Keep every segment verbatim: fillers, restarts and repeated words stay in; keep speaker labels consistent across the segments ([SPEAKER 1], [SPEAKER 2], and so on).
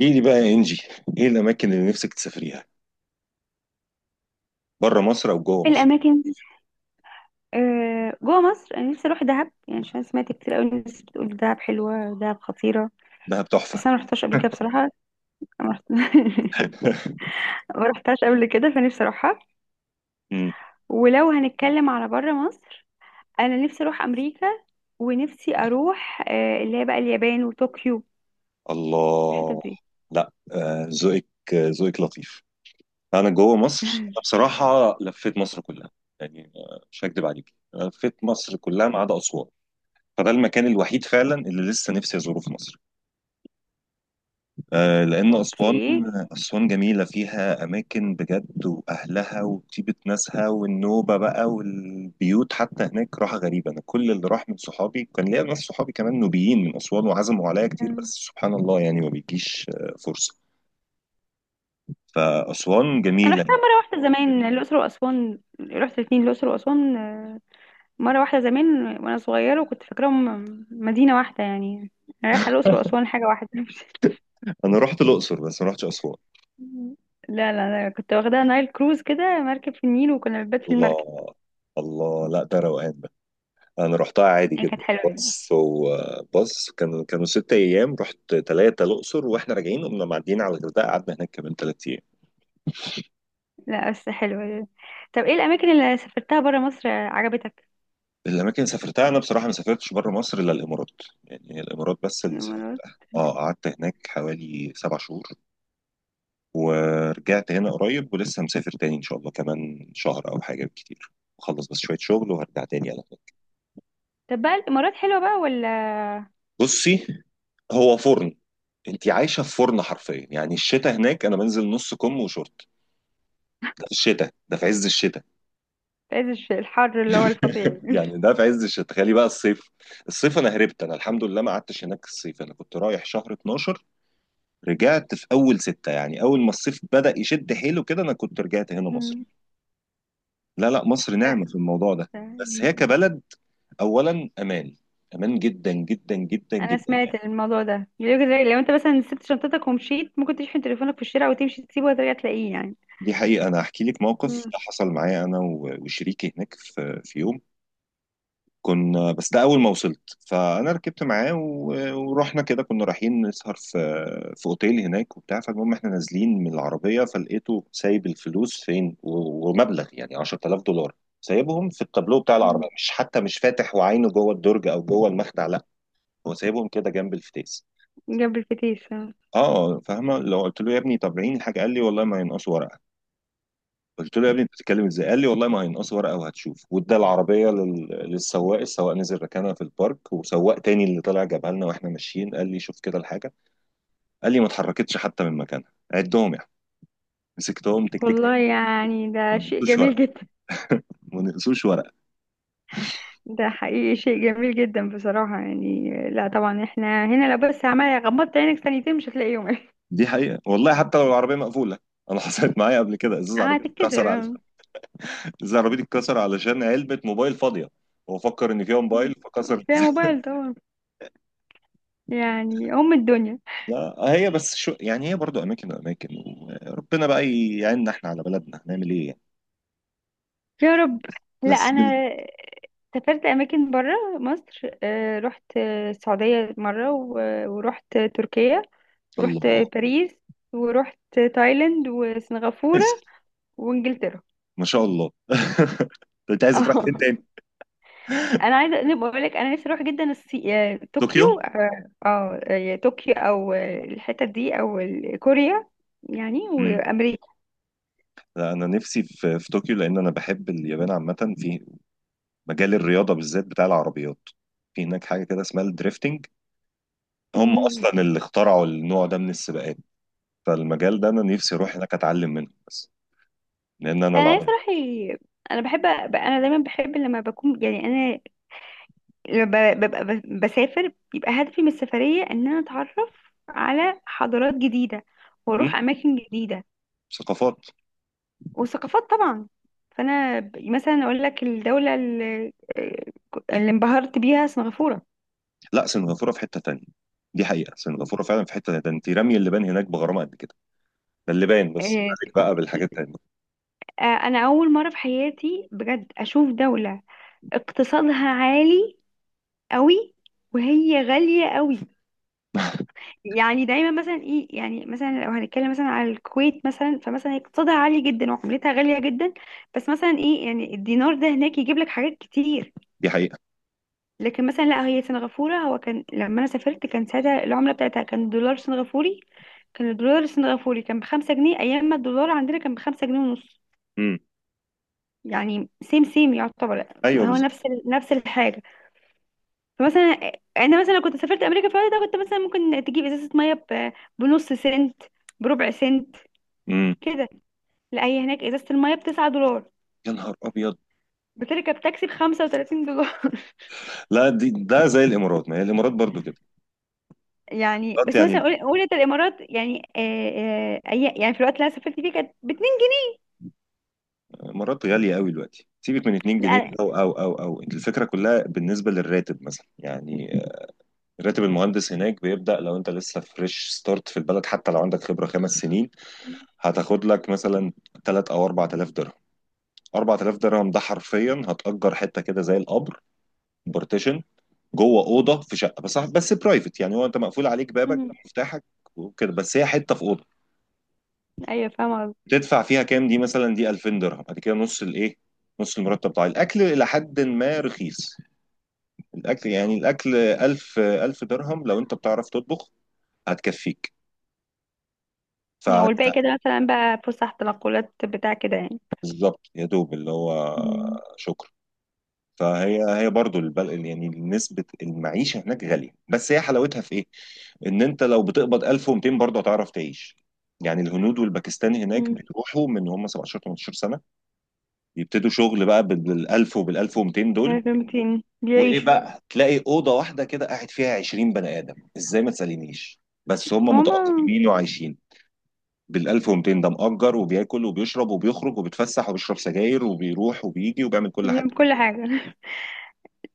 [SPEAKER 1] ايه دي بقى يا انجي؟ ايه الاماكن اللي نفسك تسافريها، بره مصر او جوه مصر؟
[SPEAKER 2] الاماكن. آه، جوه مصر انا نفسي اروح دهب يعني عشان سمعت كتير قوي الناس بتقول دهب حلوه، دهب خطيره.
[SPEAKER 1] دهب تحفه.
[SPEAKER 2] بس انا ما رحتهاش قبل كده بصراحه. ما رحت- ما رحتهاش قبل كده، فنفسي اروحها.
[SPEAKER 1] مم.
[SPEAKER 2] ولو هنتكلم على بره مصر، انا نفسي اروح امريكا، ونفسي اروح آه، اللي هي بقى اليابان وطوكيو، الحتت
[SPEAKER 1] الله.
[SPEAKER 2] دي.
[SPEAKER 1] لا، آه، ذوقك. آه، ذوقك لطيف. انا جوه مصر، انا بصراحه لفيت مصر كلها. يعني آه، مش هكدب عليك، لفيت مصر كلها ما عدا اسوان. فده المكان الوحيد فعلا اللي لسه نفسي ازوره في مصر، آه، لأن
[SPEAKER 2] اوكي.
[SPEAKER 1] أسوان. أسوان جميلة، فيها أماكن بجد وأهلها وطيبة ناسها، والنوبة بقى والبيوت، حتى هناك راحة غريبة. أنا كل اللي راح من صحابي، كان ليا ناس صحابي كمان نوبيين من أسوان، وعزموا عليا كتير، بس سبحان الله يعني ما بيجيش آه، فرصة. فأسوان
[SPEAKER 2] انا
[SPEAKER 1] جميلة.
[SPEAKER 2] رحتها مره واحده زمان، الاقصر واسوان، رحت الاثنين، الاقصر واسوان مرة واحدة زمان وأنا صغيرة، وكنت فاكراهم مدينة واحدة يعني. رايحة الأقصر وأسوان حاجة واحدة.
[SPEAKER 1] أنا رحت الأقصر بس ما رحتش أسوان.
[SPEAKER 2] لا لا لا، كنت واخداها نايل كروز كده، مركب في النيل وكنا بنبات في المركب.
[SPEAKER 1] الله. الله، لا ده روقان. انا رحتها عادي
[SPEAKER 2] يعني كانت
[SPEAKER 1] جدا.
[SPEAKER 2] حلوة.
[SPEAKER 1] بص وبص، كانوا كانوا ست ايام. رحت ثلاثه الاقصر، واحنا راجعين قمنا معديين على الغردقه، قعدنا هناك كمان ثلاث ايام.
[SPEAKER 2] لا بس حلوة. طب ايه الأماكن اللي سافرتها برا مصر عجبتك؟
[SPEAKER 1] الاماكن اللي سافرتها، انا بصراحه ما سافرتش بره مصر الا الامارات. يعني هي الامارات بس اللي
[SPEAKER 2] الإمارات.
[SPEAKER 1] سافرتها. اه، قعدت هناك حوالي سبع شهور ورجعت هنا قريب، ولسه مسافر تاني ان شاء الله كمان شهر او حاجه بالكتير. اخلص بس شويه شغل وهرجع تاني على هناك.
[SPEAKER 2] طب بقى الإمارات حلوة بقى ولا؟
[SPEAKER 1] بصي، هو فرن. انت عايشه في فرن حرفيا. يعني الشتاء هناك انا بنزل نص كم وشورت. ده في الشتاء، ده في عز الشتاء.
[SPEAKER 2] في عز الش- الحر اللي هو الفظيع.
[SPEAKER 1] يعني ده في عز الشتاء، تخيلي بقى الصيف. الصيف انا هربت. انا الحمد لله ما قعدتش هناك الصيف، انا كنت رايح شهر اتناشر، رجعت في اول ستة. يعني اول ما الصيف بدأ يشد حيله كده انا كنت رجعت هنا مصر.
[SPEAKER 2] مم.
[SPEAKER 1] لا لا، مصر نعمة في الموضوع ده. بس هي كبلد، اولا امان. امان جدا جدا جدا
[SPEAKER 2] أنا
[SPEAKER 1] جدا
[SPEAKER 2] سمعت
[SPEAKER 1] يعني.
[SPEAKER 2] الموضوع ده بيقولك زي لو أنت مثلا سبت شنطتك ومشيت، ممكن تشحن تليفونك في الشارع وتمشي تسيبه وترجع تلاقيه يعني.
[SPEAKER 1] دي حقيقة، انا هحكي لك موقف حصل معايا انا و- وشريكي هناك في في يوم. كنا بس، ده اول ما وصلت، فانا ركبت معاه و- ورحنا كده، كنا رايحين نسهر في في اوتيل هناك وبتاع. فالمهم احنا نازلين من العربيه، فلقيته سايب الفلوس فين، و- ومبلغ يعني عشرتلاف دولار سايبهم في التابلو بتاع
[SPEAKER 2] مم.
[SPEAKER 1] العربيه، مش حتى مش فاتح وعينه جوه الدرج او جوه المخدع، لا. هو سايبهم كده جنب الفتيس.
[SPEAKER 2] جنب الفتيس آه.
[SPEAKER 1] اه، فاهمه؟ لو قلت له يا ابني طب عين الحاجه، قال لي والله ما ينقصوا ورقه. قلت له يا ابني انت بتتكلم ازاي؟ قال لي والله ما هينقصوا ورقه وهتشوف. وادى العربيه لل... للسواق، السواق نزل ركنها في البارك، وسواق تاني اللي طلع جابها لنا. واحنا ماشيين قال لي شوف كده الحاجه. قال لي ما اتحركتش حتى من مكانها، عدهم يعني. مسكتهم، تك تك
[SPEAKER 2] والله
[SPEAKER 1] تك،
[SPEAKER 2] يعني
[SPEAKER 1] ما
[SPEAKER 2] ده شيء
[SPEAKER 1] نقصوش
[SPEAKER 2] جميل
[SPEAKER 1] ورقه.
[SPEAKER 2] جدا.
[SPEAKER 1] ما نقصوش ورقه.
[SPEAKER 2] ده حقيقي شيء جميل جدا بصراحة، يعني لا طبعا احنا هنا لو بس عمال غمضت عينك ثانيتين مش هتلاقيهم.
[SPEAKER 1] دي حقيقه والله، حتى لو العربيه مقفوله. انا حصلت معايا قبل كده، ازاز عربيتي
[SPEAKER 2] هتتكسر
[SPEAKER 1] اتكسر على،
[SPEAKER 2] آه.
[SPEAKER 1] ازاز عربيتي اتكسر علشان علبه موبايل فاضيه. هو فكر ان فيها موبايل فكسر.
[SPEAKER 2] فيها موبايل طبعا. يعني أم الدنيا.
[SPEAKER 1] لا هي بس شو يعني، هي برضو اماكن واماكن، وربنا بقى يعيننا احنا على بلدنا، هنعمل ايه يعني.
[SPEAKER 2] يا رب. لا،
[SPEAKER 1] بس
[SPEAKER 2] أنا
[SPEAKER 1] ب-
[SPEAKER 2] سافرت أماكن برا مصر، آه، رحت آه، السعودية مرة و- ورحت تركيا، ورحت
[SPEAKER 1] الله.
[SPEAKER 2] باريس، ورحت تايلاند وسنغافورة
[SPEAKER 1] كويس.
[SPEAKER 2] وإنجلترا.
[SPEAKER 1] ما شاء الله. طب انت عايز تروح فين
[SPEAKER 2] اه.
[SPEAKER 1] تاني؟
[SPEAKER 2] انا عايزه، أنا بقول لك انا نفسي اروح جدا الصي... آه،
[SPEAKER 1] طوكيو.
[SPEAKER 2] طوكيو اه. آه، آه، طوكيو او آه، الحتت دي او ال- كوريا. يعني
[SPEAKER 1] امم.
[SPEAKER 2] وامريكا.
[SPEAKER 1] لا انا نفسي في في طوكيو، لان انا بحب اليابان عامه، في مجال الرياضه بالذات بتاع العربيات. في هناك حاجه كده اسمها الدريفتنج. هم
[SPEAKER 2] مم.
[SPEAKER 1] اصلا اللي اخترعوا النوع ده من السباقات. فالمجال ده انا نفسي اروح هناك اتعلم منه بس. لان انا
[SPEAKER 2] انا نفسي
[SPEAKER 1] العربي.
[SPEAKER 2] اروح ي- انا بحب، ب- انا دايما بحب لما بكون يعني انا لما ب- ببقى ب- بسافر بيبقى هدفي من السفريه ان انا اتعرف على حضارات جديده واروح اماكن جديده،
[SPEAKER 1] ثقافات.
[SPEAKER 2] وثقافات طبعا. فانا ب- مثلا اقول لك الدوله اللي آه، اللي انبهرت بيها سنغافوره.
[SPEAKER 1] لا سنغافوره في حته تانية. دي حقيقه، سنغافوره فعلا في حته تانية، ده انت رمي اللبان هناك بغرامه قد كده. ده اللبان بس،
[SPEAKER 2] آه،
[SPEAKER 1] عليك بقى بالحاجات التانية.
[SPEAKER 2] آه، انا اول مره في حياتي بجد اشوف دوله اقتصادها عالي قوي، وهي غاليه قوي. يعني دايما مثلا ايه، يعني مثلا لو هنتكلم مثلا على الكويت مثلا، فمثلا اقتصادها عالي جدا وعملتها غاليه جدا. بس مثلا ايه، يعني الدينار ده هناك يجيب لك حاجات كتير.
[SPEAKER 1] دي حقيقه.
[SPEAKER 2] لكن مثلا لا هي سنغافوره، هو كان لما انا سافرت كان ساعتها العمله بتاعتها كان دولار سنغافوري. كان الدولار السنغافوري كان بخمسة جنيه أيام ما الدولار عندنا كان بخمسة جنيه ونص.
[SPEAKER 1] امم.
[SPEAKER 2] يعني سيم سيم يعتبر.
[SPEAKER 1] ايوه
[SPEAKER 2] هو
[SPEAKER 1] بالظبط.
[SPEAKER 2] نفس ال- نفس الحاجة. فمثلا يعني انا مثلا لو كنت سافرت امريكا في الوقت ده كنت مثلا ممكن تجيب ازازه ميه ب- بنص سنت، بربع سنت
[SPEAKER 1] امم.
[SPEAKER 2] كده. لا هي هناك ازازه الميه ب تسعة دولار.
[SPEAKER 1] يا نهار ابيض.
[SPEAKER 2] بتركب تاكسي ب خمسة وتلاتين دولار.
[SPEAKER 1] لا دي ده زي الامارات، ما هي الامارات برضو كده.
[SPEAKER 2] يعني
[SPEAKER 1] الامارات
[SPEAKER 2] بس مثلا
[SPEAKER 1] يعني،
[SPEAKER 2] قول قول انت الامارات يعني آه، آه، أي- يعني في الوقت اللي انا سافرت فيه كانت باتنين.
[SPEAKER 1] الامارات غاليه قوي دلوقتي. سيبك من اتنين جنيه
[SPEAKER 2] لا.
[SPEAKER 1] او او او او الفكره كلها بالنسبه للراتب مثلا يعني. راتب المهندس هناك بيبدا لو انت لسه فريش ستارت في البلد، حتى لو عندك خبره خمس سنين، هتاخد لك مثلا ثلاثة او اربعة آلاف درهم. اربعة آلاف درهم ده حرفيا هتأجر حته كده زي القبر. بارتيشن جوه اوضه في شقه، بس بس برايفت، يعني هو انت مقفول عليك بابك
[SPEAKER 2] مم.
[SPEAKER 1] مفتاحك وكده، بس هي حته في اوضه.
[SPEAKER 2] ايوه فاهمه قصدي.
[SPEAKER 1] تدفع فيها كام دي مثلا؟ دي الفين درهم. بعد كده نص الايه، نص المرتب بتاع الاكل، الى حد ما رخيص الاكل. يعني الاكل 1000 1000 درهم لو انت بتعرف تطبخ هتكفيك. ف
[SPEAKER 2] والباقي كده مثلا بقى فسح، تنقلات، بتاع كده يعني.
[SPEAKER 1] بالظبط يا دوب اللي هو.
[SPEAKER 2] مم.
[SPEAKER 1] شكرا. فهي هي برضو البل... يعني نسبة المعيشة هناك غالية، بس هي حلاوتها في ايه؟ ان انت لو بتقبض الف ومتين برضه هتعرف تعيش. يعني الهنود والباكستاني هناك
[SPEAKER 2] مم.
[SPEAKER 1] بيروحوا من هم سبعتاشر تمنتاشر سنة، يبتدوا شغل بقى بال الف وبال الف ومتين دول.
[SPEAKER 2] لازم تين-
[SPEAKER 1] وايه
[SPEAKER 2] بيعيشوا.
[SPEAKER 1] بقى، تلاقي أوضة واحدة كده قاعد فيها عشرين بني آدم ازاي ما تسألينيش، بس هم
[SPEAKER 2] هما.
[SPEAKER 1] متأقلمين وعايشين. بال الف ومتين ده مأجر وبياكل وبيشرب وبيخرج وبيتفسح وبيشرب سجاير وبيروح وبيجي وبيعمل كل حاجة.
[SPEAKER 2] ليهم كل حاجه.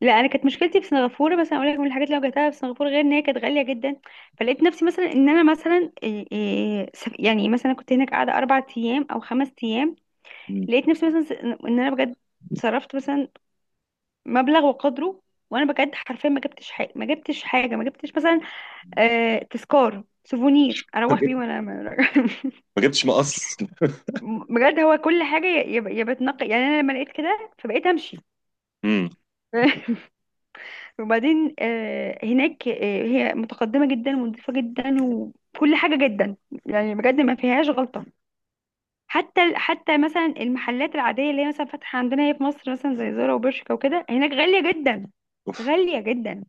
[SPEAKER 2] لا، انا كانت مشكلتي في سنغافوره، بس انا اقول لك من الحاجات اللي واجهتها في سنغافوره غير ان هي كانت غاليه جدا، فلقيت نفسي مثلا ان انا مثلا إيه إيه سف- يعني مثلا كنت هناك قاعده اربع ايام او خمس ايام.
[SPEAKER 1] مم.
[SPEAKER 2] لقيت نفسي مثلا س- ان انا بجد صرفت مثلا مبلغ وقدره. وانا بجد حرفيا ما جبتش حاجه، ما جبتش حاجه، ما جبتش مثلا آه تذكار سوفونير
[SPEAKER 1] ما
[SPEAKER 2] اروح بيه،
[SPEAKER 1] جبت-
[SPEAKER 2] وانا أنا راجعة.
[SPEAKER 1] ما جبتش مقص.
[SPEAKER 2] بجد هو كل حاجه يا يا يا بتنقي يعني انا لما لقيت كده فبقيت امشي.
[SPEAKER 1] امم.
[SPEAKER 2] وبعدين آه، هناك آه، هي متقدمة جدا ونظيفة جدا وكل حاجة جدا. يعني بجد ما فيهاش غلطة. حتى حتى مثلا المحلات العادية اللي هي مثلا فاتحة عندنا هي في مصر مثلا زي زارا وبرشكا وكده، هناك غالية جدا.
[SPEAKER 1] اوف.
[SPEAKER 2] غالية جدا،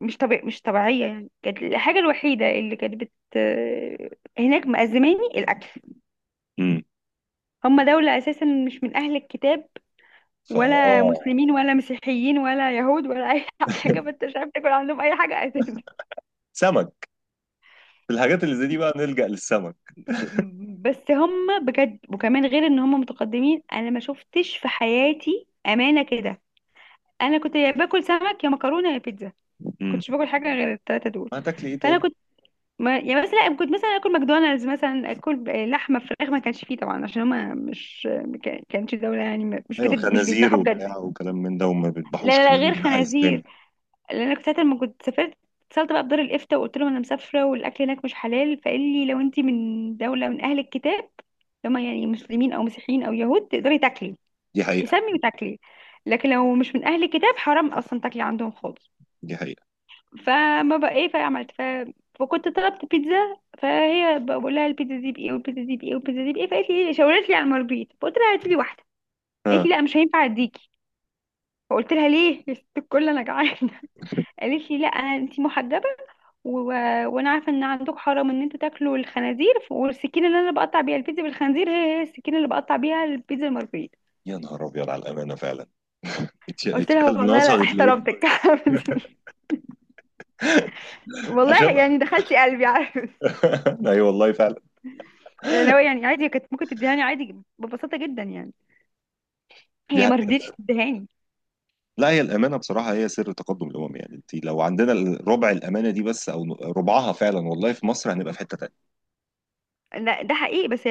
[SPEAKER 2] مش طبيع مش طبيعية يعني. كانت الحاجة الوحيدة اللي كانت بت آه، هناك مأزماني الأكل.
[SPEAKER 1] امم.
[SPEAKER 2] هم دولة أساسا مش من أهل الكتاب، ولا
[SPEAKER 1] فاه.
[SPEAKER 2] مسلمين ولا مسيحيين ولا يهود ولا أي حاجة، فأنت مش عارف تاكل عندهم أي حاجة أساسا.
[SPEAKER 1] سمك، في الحاجات اللي زي دي بقى نلجأ للسمك.
[SPEAKER 2] بس هم بجد وكمان غير ان هم متقدمين، انا ما شفتش في حياتي امانه كده. انا كنت يا باكل سمك يا مكرونه يا بيتزا، ما
[SPEAKER 1] امم.
[SPEAKER 2] كنتش باكل حاجه غير الثلاثه دول.
[SPEAKER 1] هتاكل ايه
[SPEAKER 2] فانا
[SPEAKER 1] تاني؟
[SPEAKER 2] كنت، ما يعني مثلا كنت مثلا اكل ماكدونالدز مثلا، اكل لحمه فراخ ما كانش فيه طبعا عشان هم مش، ما كانش دوله يعني مش
[SPEAKER 1] ايوه،
[SPEAKER 2] بتد... مش
[SPEAKER 1] خنازير
[SPEAKER 2] بيذبحوا بجد.
[SPEAKER 1] وبتاع وكلام من ده، وما
[SPEAKER 2] لا
[SPEAKER 1] بيذبحوش،
[SPEAKER 2] لا لا،
[SPEAKER 1] كلام
[SPEAKER 2] غير
[SPEAKER 1] ده حق اسلامي.
[SPEAKER 2] خنازير. لان انا كنت ساعه لما كنت سافرت اتصلت بقى بدار الافتاء وقلت لهم انا مسافره والاكل هناك مش حلال، فقال لي لو انت من دوله من اهل الكتاب، لما يعني مسلمين او مسيحيين او يهود، تقدري تاكلي،
[SPEAKER 1] دي حقيقة.
[SPEAKER 2] تسمي وتاكلي. لكن لو مش من اهل الكتاب حرام اصلا تاكلي عندهم خالص.
[SPEAKER 1] دي حقيقة.
[SPEAKER 2] فما بقى ايه، فعملت ف... فكنت طلبت بيتزا، فهي بقى بقول لها البيتزا دي بايه والبيتزا دي بايه والبيتزا دي بايه، فقالت لي ايه شاورت لي على المربيت، فقلت لها هاتي لي واحده. قالت
[SPEAKER 1] ها.
[SPEAKER 2] لي لا مش هينفع اديكي. فقلت لها ليه؟ يا ست الكل انا جعانه. قالت لي لا انا انتي محجبه و... وانا عارفه ان عندك حرام ان انتوا تاكلوا الخنازير، والسكينه اللي انا بقطع بيها البيتزا بالخنزير هي هي السكينه اللي بقطع بيها البيتزا المارجريتا.
[SPEAKER 1] يا نهار ابيض على الامانة فعلا. اتش-
[SPEAKER 2] قلت لها
[SPEAKER 1] اتشغل من
[SPEAKER 2] والله لا
[SPEAKER 1] وصلت ليه.
[SPEAKER 2] احترمتك. والله
[SPEAKER 1] عشان.
[SPEAKER 2] يعني دخلتي قلبي عارف.
[SPEAKER 1] اي والله فعلا.
[SPEAKER 2] يعني لو يعني عادي كانت ممكن تديهاني عادي ببساطه جدا يعني،
[SPEAKER 1] دي
[SPEAKER 2] هي ما
[SPEAKER 1] حقيقة.
[SPEAKER 2] رضيتش تديهاني.
[SPEAKER 1] لا هي الامانه بصراحه هي سر تقدم الامم. يعني انت لو عندنا ربع الامانه دي بس، او ربعها فعلا والله، في مصر هنبقى في حته تانيه.
[SPEAKER 2] لا ده حقيقي. بس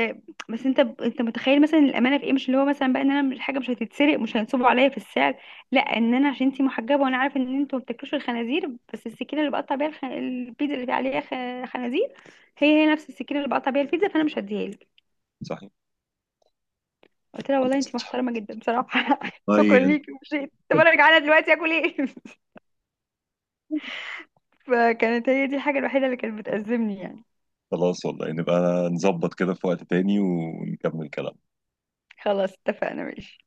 [SPEAKER 2] بس انت انت متخيل مثلا الامانه في ايه؟ مش اللي هو مثلا بقى ان انا مش حاجه مش هتتسرق، مش هينصبوا عليا في السعر. لا، ان انا عشان انتي محجبه وانا عارف ان انتوا ما بتاكلوش الخنازير، بس السكينه اللي بقطع بيها الخ... البيتزا اللي عليها خ... خنازير، هي هي نفس السكينه اللي بقطع بيها البيتزا، فانا مش هديها لك.
[SPEAKER 1] صحيح.
[SPEAKER 2] قلت لها والله
[SPEAKER 1] خلاص.
[SPEAKER 2] انتي محترمه جدا بصراحه. شكرا
[SPEAKER 1] طيب.
[SPEAKER 2] ليكي ومشيت. طب انا جعانه دلوقتي اكل ايه؟ فكانت هي دي الحاجه الوحيده اللي كانت بتأزمني يعني.
[SPEAKER 1] خلاص والله نبقى نظبط كده في وقت تاني ونكمل كلام.
[SPEAKER 2] خلاص اتفقنا ماشي